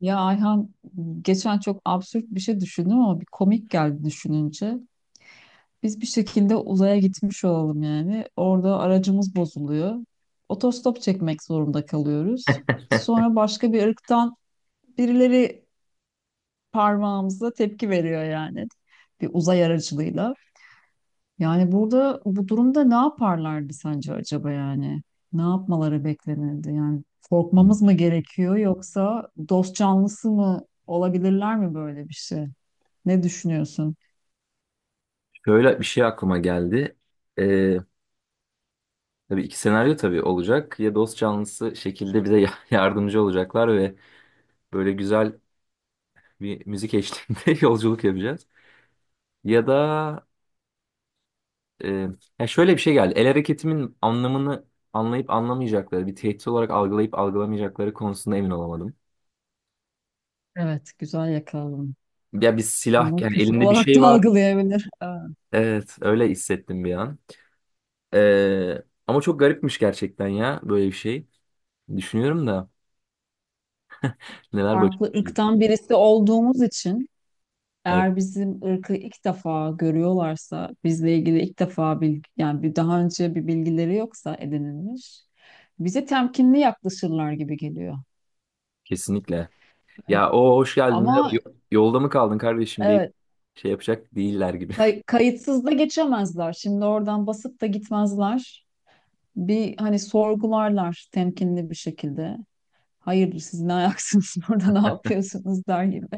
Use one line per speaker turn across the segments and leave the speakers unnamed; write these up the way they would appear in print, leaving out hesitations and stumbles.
Ya Ayhan geçen çok absürt bir şey düşündüm ama bir komik geldi düşününce. Biz bir şekilde uzaya gitmiş olalım yani. Orada aracımız bozuluyor. Otostop çekmek zorunda kalıyoruz. Sonra başka bir ırktan birileri parmağımıza tepki veriyor yani. Bir uzay aracılığıyla. Yani burada bu durumda ne yaparlardı sence acaba yani? Ne yapmaları beklenirdi? Yani
Hmm.
korkmamız mı gerekiyor yoksa dost canlısı mı olabilirler mi böyle bir şey? Ne düşünüyorsun?
Şöyle bir şey aklıma geldi. Ee, tabii iki senaryo olacak. Ya dost canlısı şekilde bize yardımcı olacaklar ve böyle güzel bir müzik eşliğinde yolculuk yapacağız. Ya da e, ya şöyle bir şey geldi. El hareketimin anlamını anlayıp anlamayacakları, bir tehdit olarak algılayıp algılamayacakları konusunda emin olamadım.
Evet, güzel yakaladın.
Ya bir silah,
Onu
yani
küfür
elinde bir
olarak
şey
da
var.
algılayabilir.
Evet, öyle hissettim bir an. Ama çok garipmiş gerçekten ya böyle bir şey. Düşünüyorum da neler başına
Farklı
gelebilir.
ırktan birisi olduğumuz için eğer bizim ırkı ilk defa görüyorlarsa, bizle ilgili ilk defa bilgi, yani bir daha önce bir bilgileri yoksa edinilmiş, bize temkinli yaklaşırlar gibi geliyor.
Kesinlikle. Ya o hoş geldin merhaba
Ama
yolda mı kaldın kardeşim deyip
evet,
şey yapacak değiller gibi.
kayıtsız da geçemezler. Şimdi oradan basıp da gitmezler. Bir hani sorgularlar temkinli bir şekilde. Hayırdır siz ne ayaksınız orada ne yapıyorsunuz der gibi.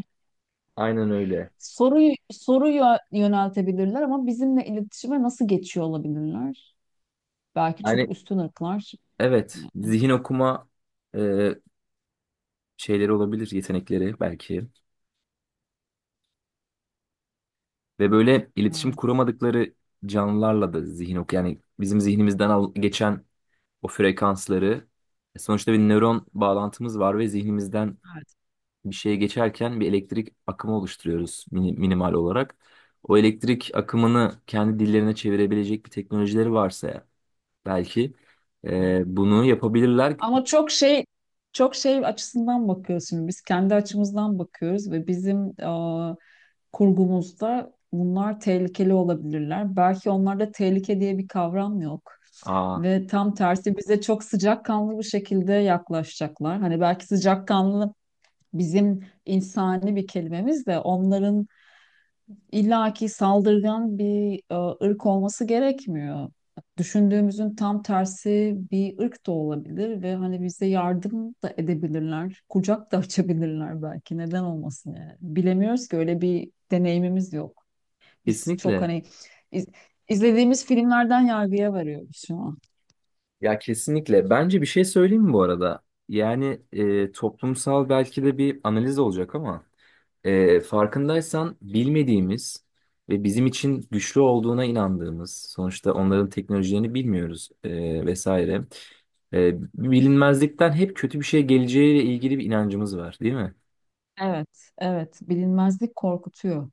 Aynen öyle.
Soruyu yöneltebilirler ama bizimle iletişime nasıl geçiyor olabilirler? Belki çok
Yani
üstün ırklar.
evet
Yani,
zihin okuma e, şeyleri olabilir yetenekleri belki ve böyle iletişim
evet,
kuramadıkları canlılarla da zihin ok yani bizim zihnimizden geçen o frekansları, sonuçta bir nöron bağlantımız var ve zihnimizden
evet.
bir şeye geçerken bir elektrik akımı oluşturuyoruz minimal olarak. O elektrik akımını kendi dillerine çevirebilecek bir teknolojileri varsa ya, belki
Doğru.
bunu yapabilirler.
Ama çok şey açısından bakıyoruz şimdi. Biz kendi açımızdan bakıyoruz ve bizim kurgumuzda bunlar tehlikeli olabilirler. Belki onlarda tehlike diye bir kavram yok.
Aa,
Ve tam tersi bize çok sıcakkanlı bir şekilde yaklaşacaklar. Hani belki sıcakkanlı bizim insani bir kelimemiz de onların illaki saldırgan bir ırk olması gerekmiyor. Düşündüğümüzün tam tersi bir ırk da olabilir ve hani bize yardım da edebilirler. Kucak da açabilirler belki. Neden olmasın yani? Bilemiyoruz ki öyle bir deneyimimiz yok. Biz çok
kesinlikle.
hani iz- izlediğimiz filmlerden yargıya varıyoruz şu an.
Ya kesinlikle. Bence bir şey söyleyeyim mi bu arada? Yani toplumsal belki de bir analiz olacak ama farkındaysan bilmediğimiz ve bizim için güçlü olduğuna inandığımız, sonuçta onların teknolojilerini bilmiyoruz vesaire. Bilinmezlikten hep kötü bir şey geleceğiyle ilgili bir inancımız var, değil mi?
Evet, evet. Bilinmezlik korkutuyor.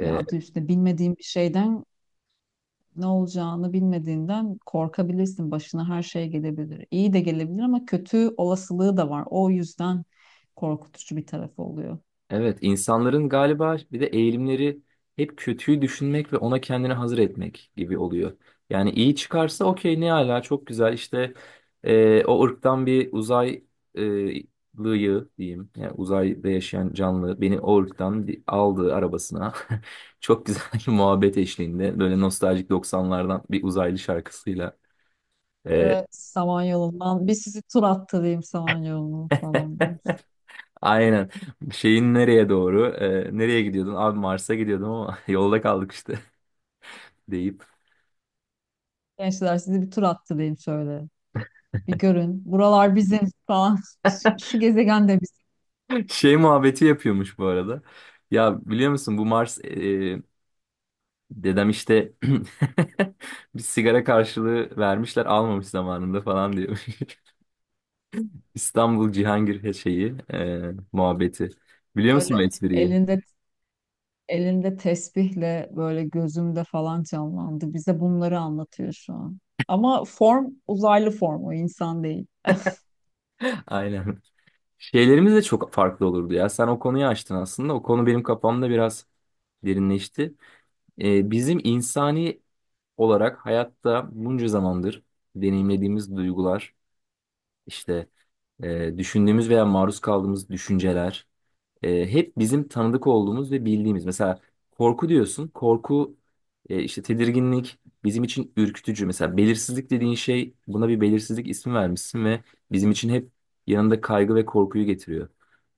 Ya adı üstünde bilmediğin bir şeyden ne olacağını bilmediğinden korkabilirsin. Başına her şey gelebilir. İyi de gelebilir ama kötü olasılığı da var. O yüzden korkutucu bir tarafı oluyor.
Evet, insanların galiba bir de eğilimleri hep kötüyü düşünmek ve ona kendini hazır etmek gibi oluyor. Yani iyi çıkarsa okey ne ala çok güzel işte, o ırktan bir uzaylıyı diyeyim. Yani uzayda yaşayan canlı beni o ırktan bir aldı arabasına. Çok güzel bir muhabbet eşliğinde böyle nostaljik doksanlardan bir uzaylı şarkısıyla. E,
Böyle Samanyolu'ndan bir sizi tur attırayım Samanyolu'nu falan diyoruz.
aynen şeyin nereye doğru, nereye gidiyordun abi? Mars'a gidiyordum ama yolda kaldık işte deyip.
Gençler sizi bir tur attırayım şöyle. Bir görün. Buralar bizim falan. Şu şu gezegen de.
Şey muhabbeti yapıyormuş bu arada. Ya biliyor musun bu Mars dedem işte bir sigara karşılığı vermişler almamış zamanında falan diyor. İstanbul Cihangir şeyi muhabbeti. Biliyor musun bu
Böyle
espriyi?
elinde elinde tesbihle böyle gözümde falan canlandı. Bize bunları anlatıyor şu an. Ama form uzaylı form o insan değil.
Aynen. Şeylerimiz de çok farklı olurdu ya. Sen o konuyu açtın aslında. O konu benim kafamda biraz derinleşti. Bizim insani olarak hayatta bunca zamandır deneyimlediğimiz duygular işte, düşündüğümüz veya maruz kaldığımız düşünceler, hep bizim tanıdık olduğumuz ve bildiğimiz. Mesela korku diyorsun. Korku, işte tedirginlik bizim için ürkütücü. Mesela belirsizlik dediğin şey, buna bir belirsizlik ismi vermişsin ve bizim için hep yanında kaygı ve korkuyu getiriyor.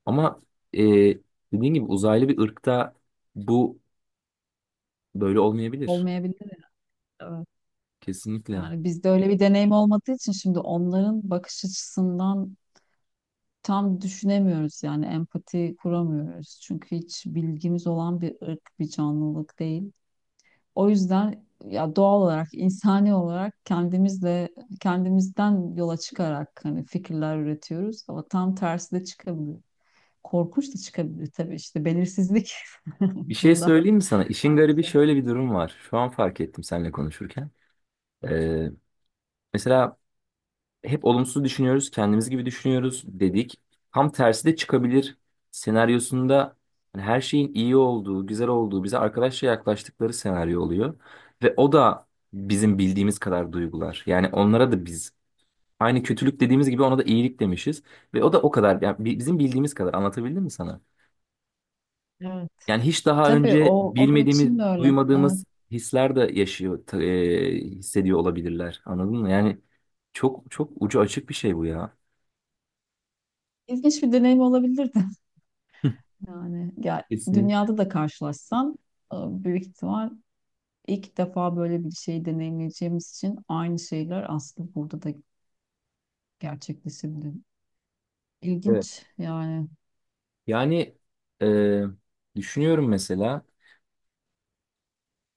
Ama e, dediğin gibi uzaylı bir ırkta bu böyle olmayabilir.
Olmayabilir. Evet.
Kesinlikle.
Yani bizde öyle bir deneyim olmadığı için şimdi onların bakış açısından tam düşünemiyoruz yani empati kuramıyoruz. Çünkü hiç bilgimiz olan bir ırk, bir canlılık değil. O yüzden ya doğal olarak, insani olarak kendimizden yola çıkarak hani fikirler üretiyoruz ama tam tersi de çıkabilir. Korkunç da çıkabilir tabii işte belirsizlik
Bir şey
burada
söyleyeyim mi sana? İşin garibi
maalesef.
şöyle bir durum var. Şu an fark ettim seninle konuşurken. E, mesela hep olumsuz düşünüyoruz, kendimiz gibi düşünüyoruz dedik. Tam tersi de çıkabilir senaryosunda hani her şeyin iyi olduğu, güzel olduğu, bize arkadaşça yaklaştıkları senaryo oluyor. Ve o da bizim bildiğimiz kadar duygular. Yani onlara da biz aynı kötülük dediğimiz gibi ona da iyilik demişiz. Ve o da o kadar, yani bizim bildiğimiz kadar, anlatabildim mi sana?
Evet.
Yani hiç daha
Tabii o
önce
onun
bilmediğimiz,
için de öyle. Evet.
duymadığımız hisler de yaşıyor, hissediyor olabilirler. Anladın mı? Yani çok çok ucu açık bir şey bu ya.
İlginç bir deneyim olabilirdi. Yani ya,
Kesinlikle.
dünyada da karşılaşsam e, büyük ihtimal ilk defa böyle bir şeyi deneyimleyeceğimiz için aynı şeyler aslında burada da gerçekleşebilir.
Evet.
İlginç yani.
Yani e, düşünüyorum mesela,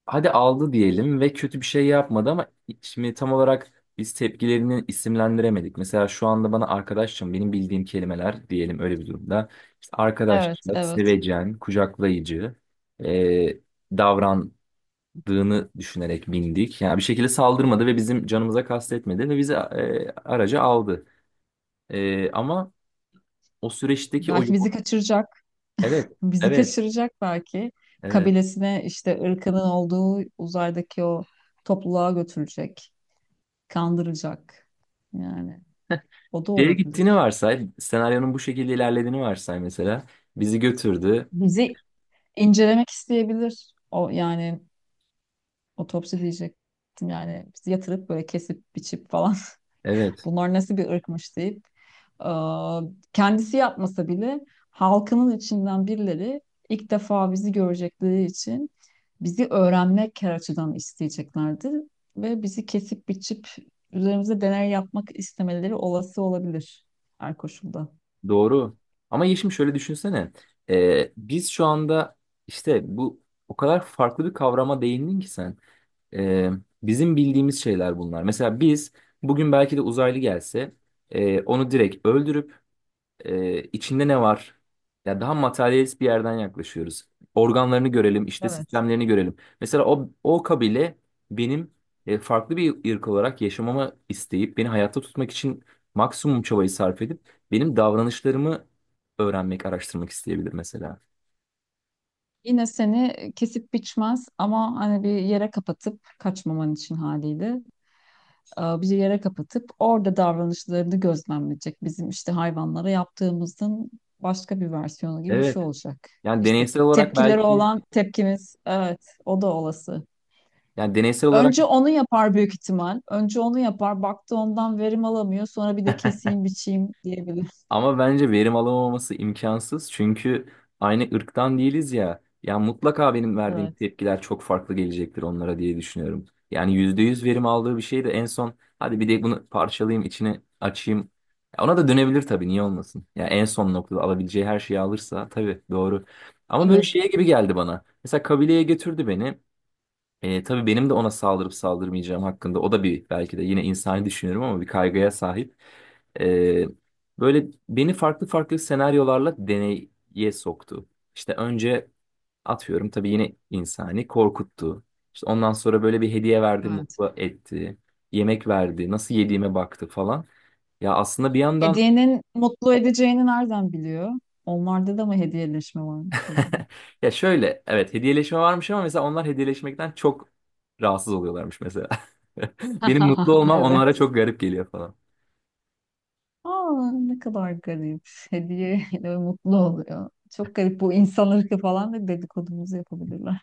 hadi aldı diyelim ve kötü bir şey yapmadı ama şimdi tam olarak biz tepkilerini isimlendiremedik. Mesela şu anda bana arkadaşım, benim bildiğim kelimeler diyelim öyle bir durumda. İşte arkadaşça,
Evet, evet.
sevecen, kucaklayıcı e, davrandığını düşünerek bindik. Yani bir şekilde saldırmadı ve bizim canımıza kastetmedi ve bizi araca aldı. Ama o süreçteki o
Belki
yol...
bizi kaçıracak.
Evet,
Bizi
evet,
kaçıracak belki.
evet.
Kabilesine işte ırkının olduğu uzaydaki o topluluğa götürecek. Kandıracak. Yani o da
Şeye gittiğini
olabilir.
varsay, senaryonun bu şekilde ilerlediğini varsay mesela. Bizi götürdü.
Bizi incelemek isteyebilir. O yani otopsi diyecektim yani bizi yatırıp böyle kesip biçip falan
Evet,
bunlar nasıl bir ırkmış deyip e, kendisi yapmasa bile halkının içinden birileri ilk defa bizi görecekleri için bizi öğrenmek her açıdan isteyeceklerdir ve bizi kesip biçip üzerimize deney yapmak istemeleri olası olabilir her koşulda.
doğru. Ama Yeşim, şöyle düşünsene. Biz şu anda işte bu, o kadar farklı bir kavrama değindin ki sen. Ee, bizim bildiğimiz şeyler bunlar. Mesela biz bugün belki de uzaylı gelse, onu direkt öldürüp, içinde ne var? Ya daha materyalist bir yerden yaklaşıyoruz. Organlarını görelim, işte
Evet.
sistemlerini görelim. Mesela o, o kabile benim farklı bir ırk olarak yaşamama isteyip beni hayatta tutmak için maksimum çabayı sarf edip benim davranışlarımı öğrenmek, araştırmak isteyebilir mesela.
Yine seni kesip biçmez ama hani bir yere kapatıp kaçmaman için haliyle bir yere kapatıp orada davranışlarını gözlemleyecek. Bizim işte hayvanlara yaptığımızın başka bir versiyonu gibi bir
Evet.
şey olacak.
Yani
İşte
deneysel olarak
tepkileri
belki,
olan tepkimiz evet o da olası.
yani deneysel olarak.
Önce onu yapar büyük ihtimal. Önce onu yapar. Baktı ondan verim alamıyor. Sonra bir de keseyim biçeyim diyebilir.
Ama bence verim alamaması imkansız. Çünkü aynı ırktan değiliz ya. Ya mutlaka benim verdiğim
Evet.
tepkiler çok farklı gelecektir onlara diye düşünüyorum. Yani %100 verim aldığı bir şey de en son, hadi bir de bunu parçalayayım içine açayım. Ya ona da dönebilir tabii, niye olmasın. Ya en son noktada alabileceği her şeyi alırsa tabii, doğru. Ama böyle
Tabii.
şeye gibi geldi bana. Mesela kabileye götürdü beni. Tabii benim de ona saldırıp saldırmayacağım hakkında o da, bir belki de yine insani düşünüyorum ama, bir kaygıya sahip. E, böyle beni farklı farklı senaryolarla deneye soktu. İşte önce, atıyorum tabii yine insani, korkuttu. İşte ondan sonra böyle bir hediye verdi,
Evet.
mutlu etti. Yemek verdi, nasıl yediğime baktı falan. Ya aslında bir yandan
Hediyenin mutlu edeceğini nereden biliyor? Onlarda da mı hediyeleşme varmış acaba?
ya şöyle, evet hediyeleşme varmış ama mesela onlar hediyeleşmekten çok rahatsız oluyorlarmış mesela. Benim mutlu olmam onlara
Evet.
çok garip geliyor falan.
Aa, ne kadar garip. Hediyeyle mutlu oluyor. Çok garip bu insan ırkı falan da dedikodumuzu yapabilirler.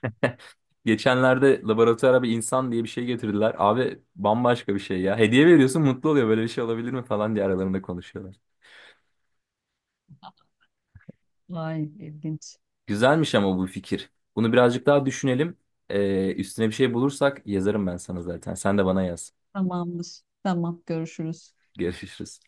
Geçenlerde laboratuvara bir insan diye bir şey getirdiler. Abi bambaşka bir şey ya. Hediye veriyorsun mutlu oluyor, böyle bir şey olabilir mi falan diye aralarında konuşuyorlar.
Vay ilginç.
Güzelmiş ama bu fikir. Bunu birazcık daha düşünelim. Üstüne bir şey bulursak yazarım ben sana zaten. Sen de bana yaz.
Tamamdır. Tamam görüşürüz.
Görüşürüz.